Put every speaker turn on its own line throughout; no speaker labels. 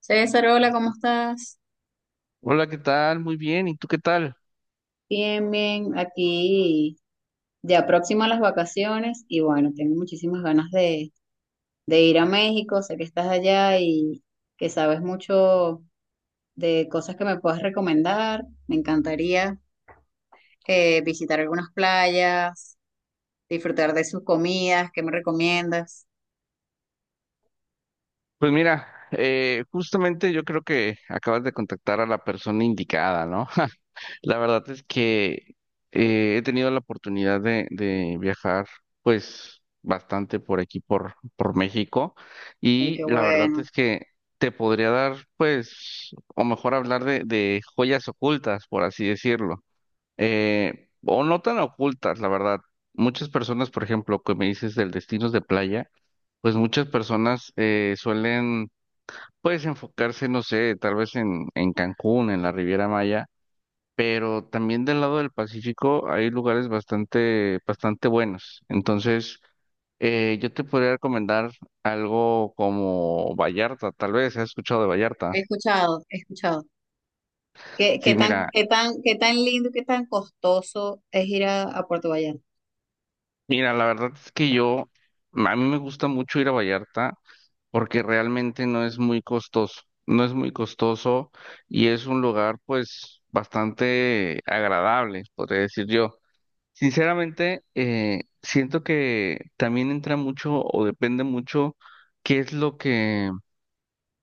César, hola, ¿cómo estás?
Hola, ¿qué tal? Muy bien, ¿y tú qué tal?
Bien, bien, aquí ya próximo a las vacaciones y bueno, tengo muchísimas ganas de ir a México, sé que estás allá y que sabes mucho de cosas que me puedas recomendar. Me encantaría visitar algunas playas, disfrutar de sus comidas, ¿qué me recomiendas?
Pues mira, justamente yo creo que acabas de contactar a la persona indicada, ¿no? La verdad es que he tenido la oportunidad de viajar, pues, bastante por aquí, por México,
Ay, qué
y la verdad
bueno.
es que te podría dar, pues, o mejor hablar de joyas ocultas, por así decirlo, o no tan ocultas, la verdad. Muchas personas, por ejemplo, que me dices del destinos de playa, pues muchas personas suelen, pues, enfocarse, no sé, tal vez en Cancún, en la Riviera Maya, pero también del lado del Pacífico hay lugares bastante buenos. Entonces, yo te podría recomendar algo como Vallarta, tal vez, ¿has escuchado de Vallarta?
He escuchado, he escuchado. ¿Qué,
Sí,
qué tan,
mira,
qué tan, qué tan lindo, qué tan costoso es ir a Puerto Vallarta?
mira, la verdad es que yo, a mí me gusta mucho ir a Vallarta porque realmente no es muy costoso, no es muy costoso y es un lugar pues bastante agradable, podría decir yo. Sinceramente, siento que también entra mucho o depende mucho qué es lo que,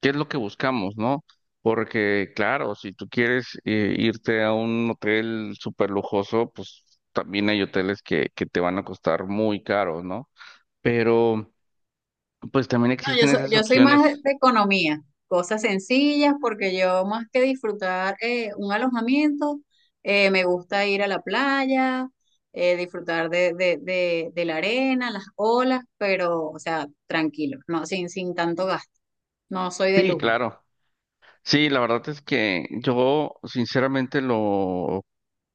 qué es lo que buscamos, ¿no? Porque claro, si tú quieres irte a un hotel súper lujoso, pues también hay hoteles que te van a costar muy caro, ¿no? Pero pues también
No, yo
existen
soy,
esas
yo soy más de
opciones.
de economía, cosas sencillas, porque yo más que disfrutar un alojamiento, me gusta ir a la playa, disfrutar de la arena, las olas, pero, o sea, tranquilo, no, sin tanto gasto. No soy de
Sí,
lujo.
claro. Sí, la verdad es que yo sinceramente lo,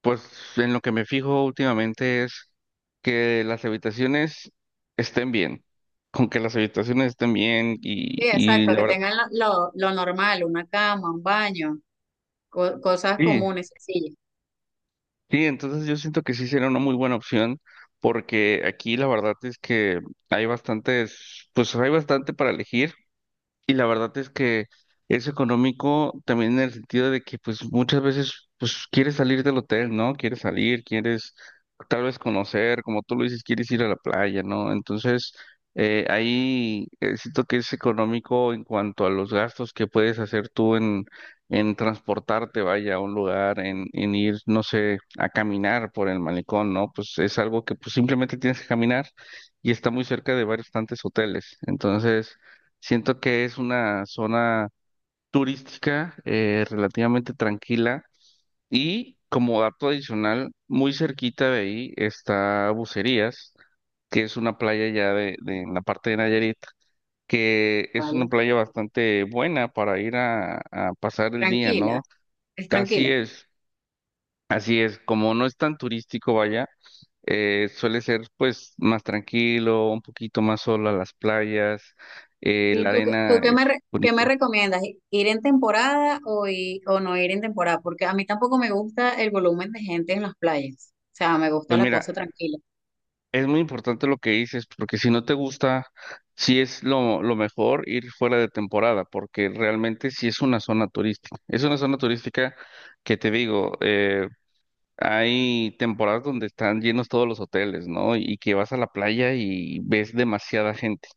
pues en lo que me fijo últimamente es que las habitaciones estén bien, con que las habitaciones estén bien
Sí,
y
exacto,
la
que
verdad,
tengan lo normal, una cama, un baño, cosas
sí,
comunes, sencillas,
sí, entonces yo siento que sí sería una muy buena opción porque aquí la verdad es que hay bastantes, pues hay bastante para elegir. Y la verdad es que es económico también en el sentido de que pues muchas veces pues quieres salir del hotel, ¿no? Quieres salir, quieres tal vez conocer, como tú lo dices, quieres ir a la playa, ¿no? Entonces ahí siento que es económico en cuanto a los gastos que puedes hacer tú en transportarte, vaya, a un lugar, en ir, no sé, a caminar por el malecón, ¿no? Pues es algo que pues simplemente tienes que caminar y está muy cerca de varios tantos hoteles. Entonces… Siento que es una zona turística relativamente tranquila y como dato adicional, muy cerquita de ahí está Bucerías, que es una playa ya en la parte de Nayarit, que es una
¿vale?
playa bastante buena para ir a pasar el día,
Tranquila,
¿no?
es
Así
tranquila.
es, así es, como no es tan turístico, vaya, suele ser pues más tranquilo, un poquito más solo a las playas,
¿Y
la
tú, tú
arena
qué me,
es
qué me
bonita.
recomiendas? ¿Ir en temporada o, o no ir en temporada? Porque a mí tampoco me gusta el volumen de gente en las playas. O sea, me gusta
Pues
la
mira,
cosa tranquila.
es muy importante lo que dices, porque si no te gusta, sí es lo mejor ir fuera de temporada, porque realmente sí es una zona turística. Es una zona turística que te digo, hay temporadas donde están llenos todos los hoteles, ¿no? Y que vas a la playa y ves demasiada gente.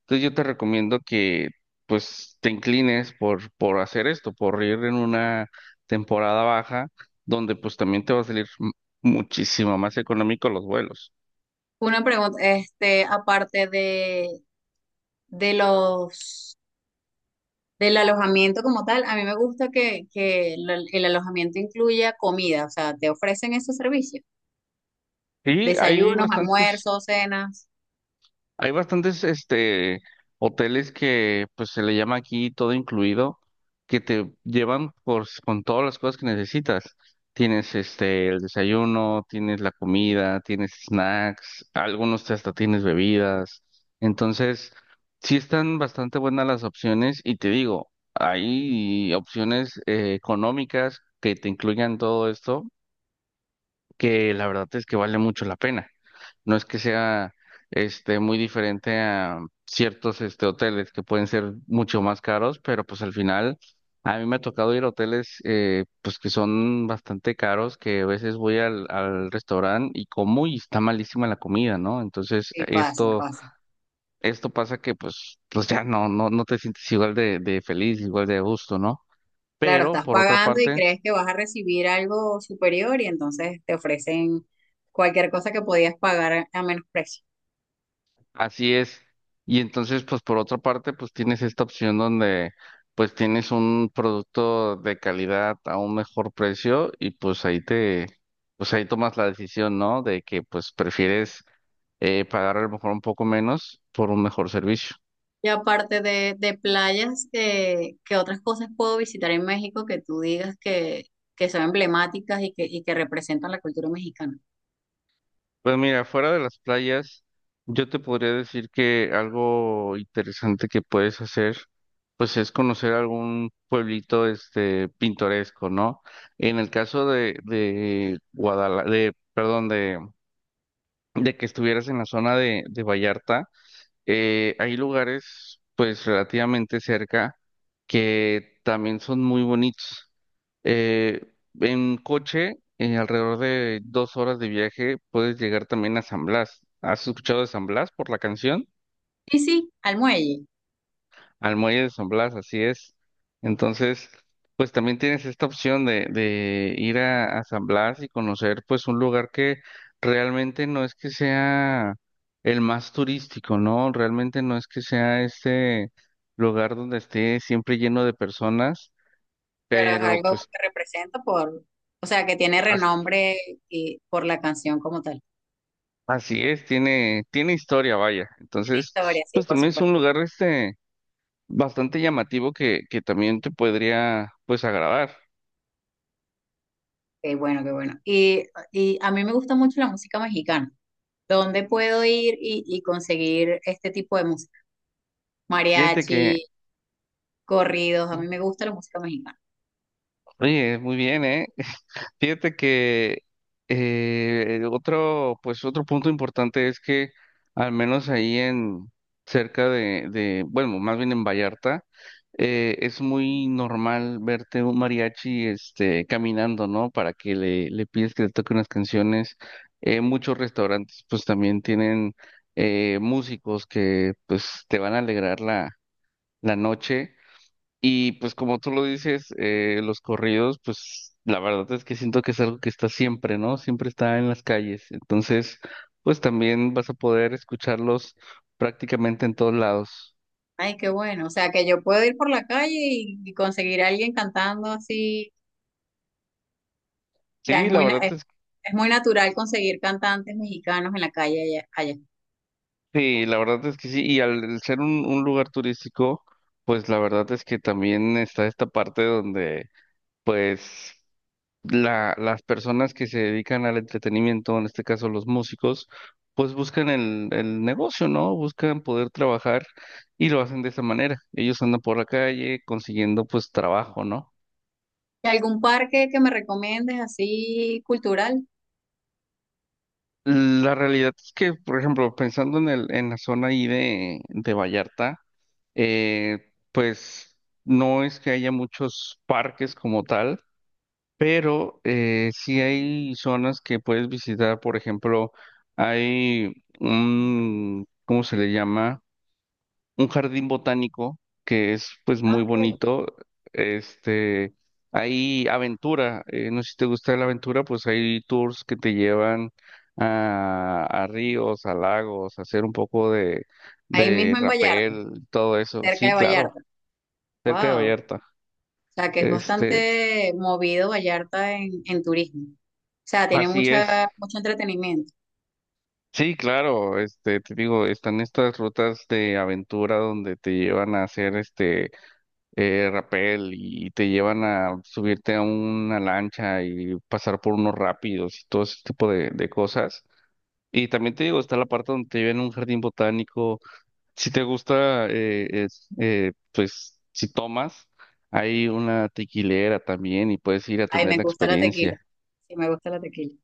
Entonces yo te recomiendo que pues te inclines por hacer esto, por ir en una temporada baja, donde pues también te va a salir muchísimo más económico los vuelos.
Una pregunta, este, aparte de los, del alojamiento como tal, a mí me gusta que el alojamiento incluya comida. O sea, te ofrecen ese servicio.
Sí,
Desayunos, almuerzos, cenas
hay bastantes hoteles que pues se le llama aquí todo incluido, que te llevan con todas las cosas que necesitas. Tienes el desayuno, tienes la comida, tienes snacks, algunos hasta tienes bebidas. Entonces, sí están bastante buenas las opciones y te digo, hay opciones económicas que te incluyan todo esto, que la verdad es que vale mucho la pena. No es que sea muy diferente a ciertos hoteles que pueden ser mucho más caros, pero pues al final a mí me ha tocado ir a hoteles pues que son bastante caros, que a veces voy al restaurante y como y está malísima la comida, ¿no? Entonces
y pasa,
esto
pasa.
esto pasa que pues ya no te sientes igual de feliz, igual de a gusto, ¿no?
Claro,
Pero
estás
por otra
pagando y
parte…
crees que vas a recibir algo superior y entonces te ofrecen cualquier cosa que podías pagar a menos precio.
Así es. Y entonces, pues por otra parte, pues tienes esta opción donde pues tienes un producto de calidad a un mejor precio y pues ahí te, pues ahí tomas la decisión, ¿no? De que pues prefieres pagar a lo mejor un poco menos por un mejor servicio.
Y aparte de playas, ¿qué otras cosas puedo visitar en México que tú digas que son emblemáticas y que representan la cultura mexicana?
Pues mira, fuera de las playas, yo te podría decir que algo interesante que puedes hacer pues es conocer algún pueblito pintoresco, ¿no? En el caso de de que estuvieras en la zona de Vallarta, hay lugares pues relativamente cerca que también son muy bonitos. Eh, en coche, en alrededor de 2 horas de viaje, puedes llegar también a San Blas. ¿Has escuchado de San Blas por la canción?
Sí, sí, al muelle,
Al muelle de San Blas, así es. Entonces, pues también tienes esta opción de ir a San Blas y conocer pues un lugar que realmente no es que sea el más turístico, ¿no? Realmente no es que sea lugar donde esté siempre lleno de personas,
pero es
pero
algo
pues
que representa por, o sea, que tiene
as-
renombre y por la canción como tal.
así es, tiene, tiene historia, vaya. Entonces,
Historia, sí,
pues
por
también es
supuesto.
un lugar bastante llamativo que también te podría pues agradar.
Qué bueno, qué bueno. Y a mí me gusta mucho la música mexicana. ¿Dónde puedo ir y conseguir este tipo de música?
Fíjate que…
Mariachi, corridos, a mí me gusta la música mexicana.
Oye, muy bien, ¿eh? Fíjate que otro, pues otro punto importante es que al menos ahí en cerca bueno, más bien en Vallarta, es muy normal verte un mariachi, este, caminando, ¿no? Para que le pides que le toque unas canciones. Muchos restaurantes, pues también tienen músicos que, pues, te van a alegrar la noche. Y pues como tú lo dices, los corridos, pues la verdad es que siento que es algo que está siempre, ¿no? Siempre está en las calles. Entonces, pues también vas a poder escucharlos prácticamente en todos lados.
Ay, qué bueno. O sea, que yo puedo ir por la calle y conseguir a alguien cantando así. O sea, es
Sí, la
muy,
verdad es
es muy natural conseguir cantantes mexicanos en la calle allá, allá.
sí, la verdad es que sí. Y al ser un lugar turístico, pues la verdad es que también está esta parte donde pues las personas que se dedican al entretenimiento, en este caso los músicos, pues buscan el negocio, ¿no? Buscan poder trabajar y lo hacen de esa manera. Ellos andan por la calle consiguiendo pues trabajo, ¿no?
¿Y algún parque que me recomiendes así cultural?
La realidad es que, por ejemplo, pensando en el, en la zona ahí de Vallarta, pues no es que haya muchos parques como tal. Pero sí hay zonas que puedes visitar, por ejemplo, hay un, ¿cómo se le llama? Un jardín botánico que es pues muy
Ah, ok.
bonito. Este, hay aventura, no sé si te gusta la aventura, pues hay tours que te llevan a ríos, a lagos, a hacer un poco
Ahí
de
mismo en Vallarta,
rapel, todo eso.
cerca
Sí,
de
claro,
Vallarta.
cerca de
Wow.
Vallarta.
Sea, que es
Este,
bastante movido Vallarta en turismo. O sea, tiene
así es.
mucha, mucho entretenimiento.
Sí, claro, este, te digo, están estas rutas de aventura donde te llevan a hacer rapel y te llevan a subirte a una lancha y pasar por unos rápidos y todo ese tipo de cosas. Y también te digo, está la parte donde te llevan a un jardín botánico. Si te gusta, es, pues si tomas, hay una tequilera también y puedes ir a
Ay,
tener
me
la
gusta la tequila.
experiencia.
Sí, me gusta la tequila.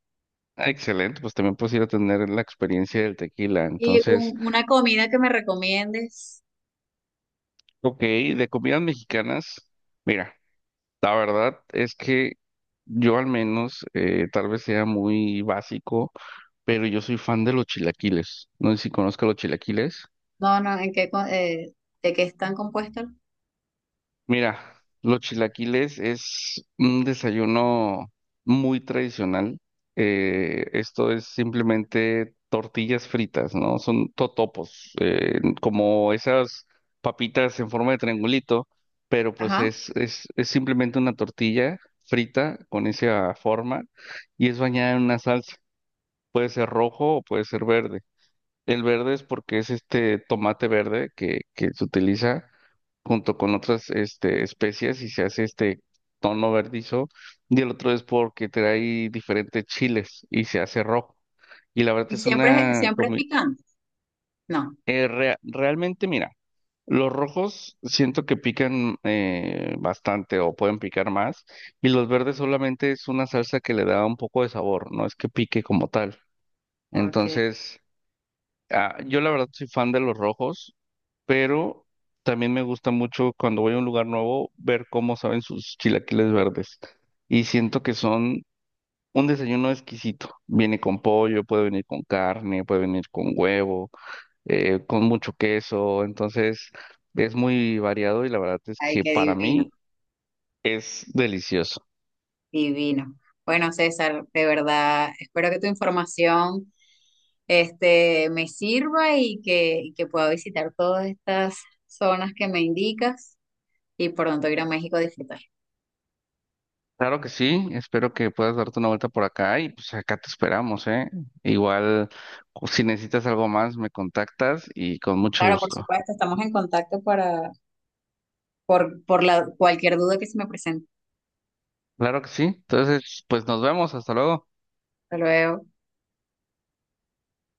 Ah, excelente, pues también puedes ir a tener la experiencia del tequila.
Y
Entonces,
una comida que me recomiendes.
ok, de comidas mexicanas, mira, la verdad es que yo al menos, tal vez sea muy básico, pero yo soy fan de los chilaquiles. No sé si conozco los chilaquiles.
No, no, ¿en qué, de qué están compuestos?
Mira, los chilaquiles es un desayuno muy tradicional. Esto es simplemente tortillas fritas, ¿no? Son totopos, como esas papitas en forma de triangulito, pero pues
Ajá.
es simplemente una tortilla frita con esa forma y es bañada en una salsa. Puede ser rojo o puede ser verde. El verde es porque es este tomate verde que se utiliza junto con otras este, especies y se hace este tono verdizo. Y el otro es porque trae diferentes chiles y se hace rojo. Y la verdad
Y
es
siempre,
una…
siempre es picante. No.
realmente, mira, los rojos siento que pican bastante o pueden picar más. Y los verdes solamente es una salsa que le da un poco de sabor, no es que pique como tal.
Ok.
Entonces… Ah, yo la verdad soy fan de los rojos, pero también me gusta mucho cuando voy a un lugar nuevo ver cómo saben sus chilaquiles verdes. Y siento que son un desayuno exquisito. Viene con pollo, puede venir con carne, puede venir con huevo, con mucho queso. Entonces es muy variado y la verdad es
Ay,
que
qué
para
divino.
mí es delicioso.
Divino. Bueno, César, de verdad, espero que tu información este, me sirva y que pueda visitar todas estas zonas que me indicas y pronto ir a México a disfrutar.
Claro que sí, espero que puedas darte una vuelta por acá y pues acá te esperamos, ¿eh? Igual, si necesitas algo más, me contactas y con mucho
Claro, por
gusto.
supuesto, estamos en contacto para, por la, cualquier duda que se me presente.
Claro que sí. Entonces, pues nos vemos. Hasta luego.
Hasta luego.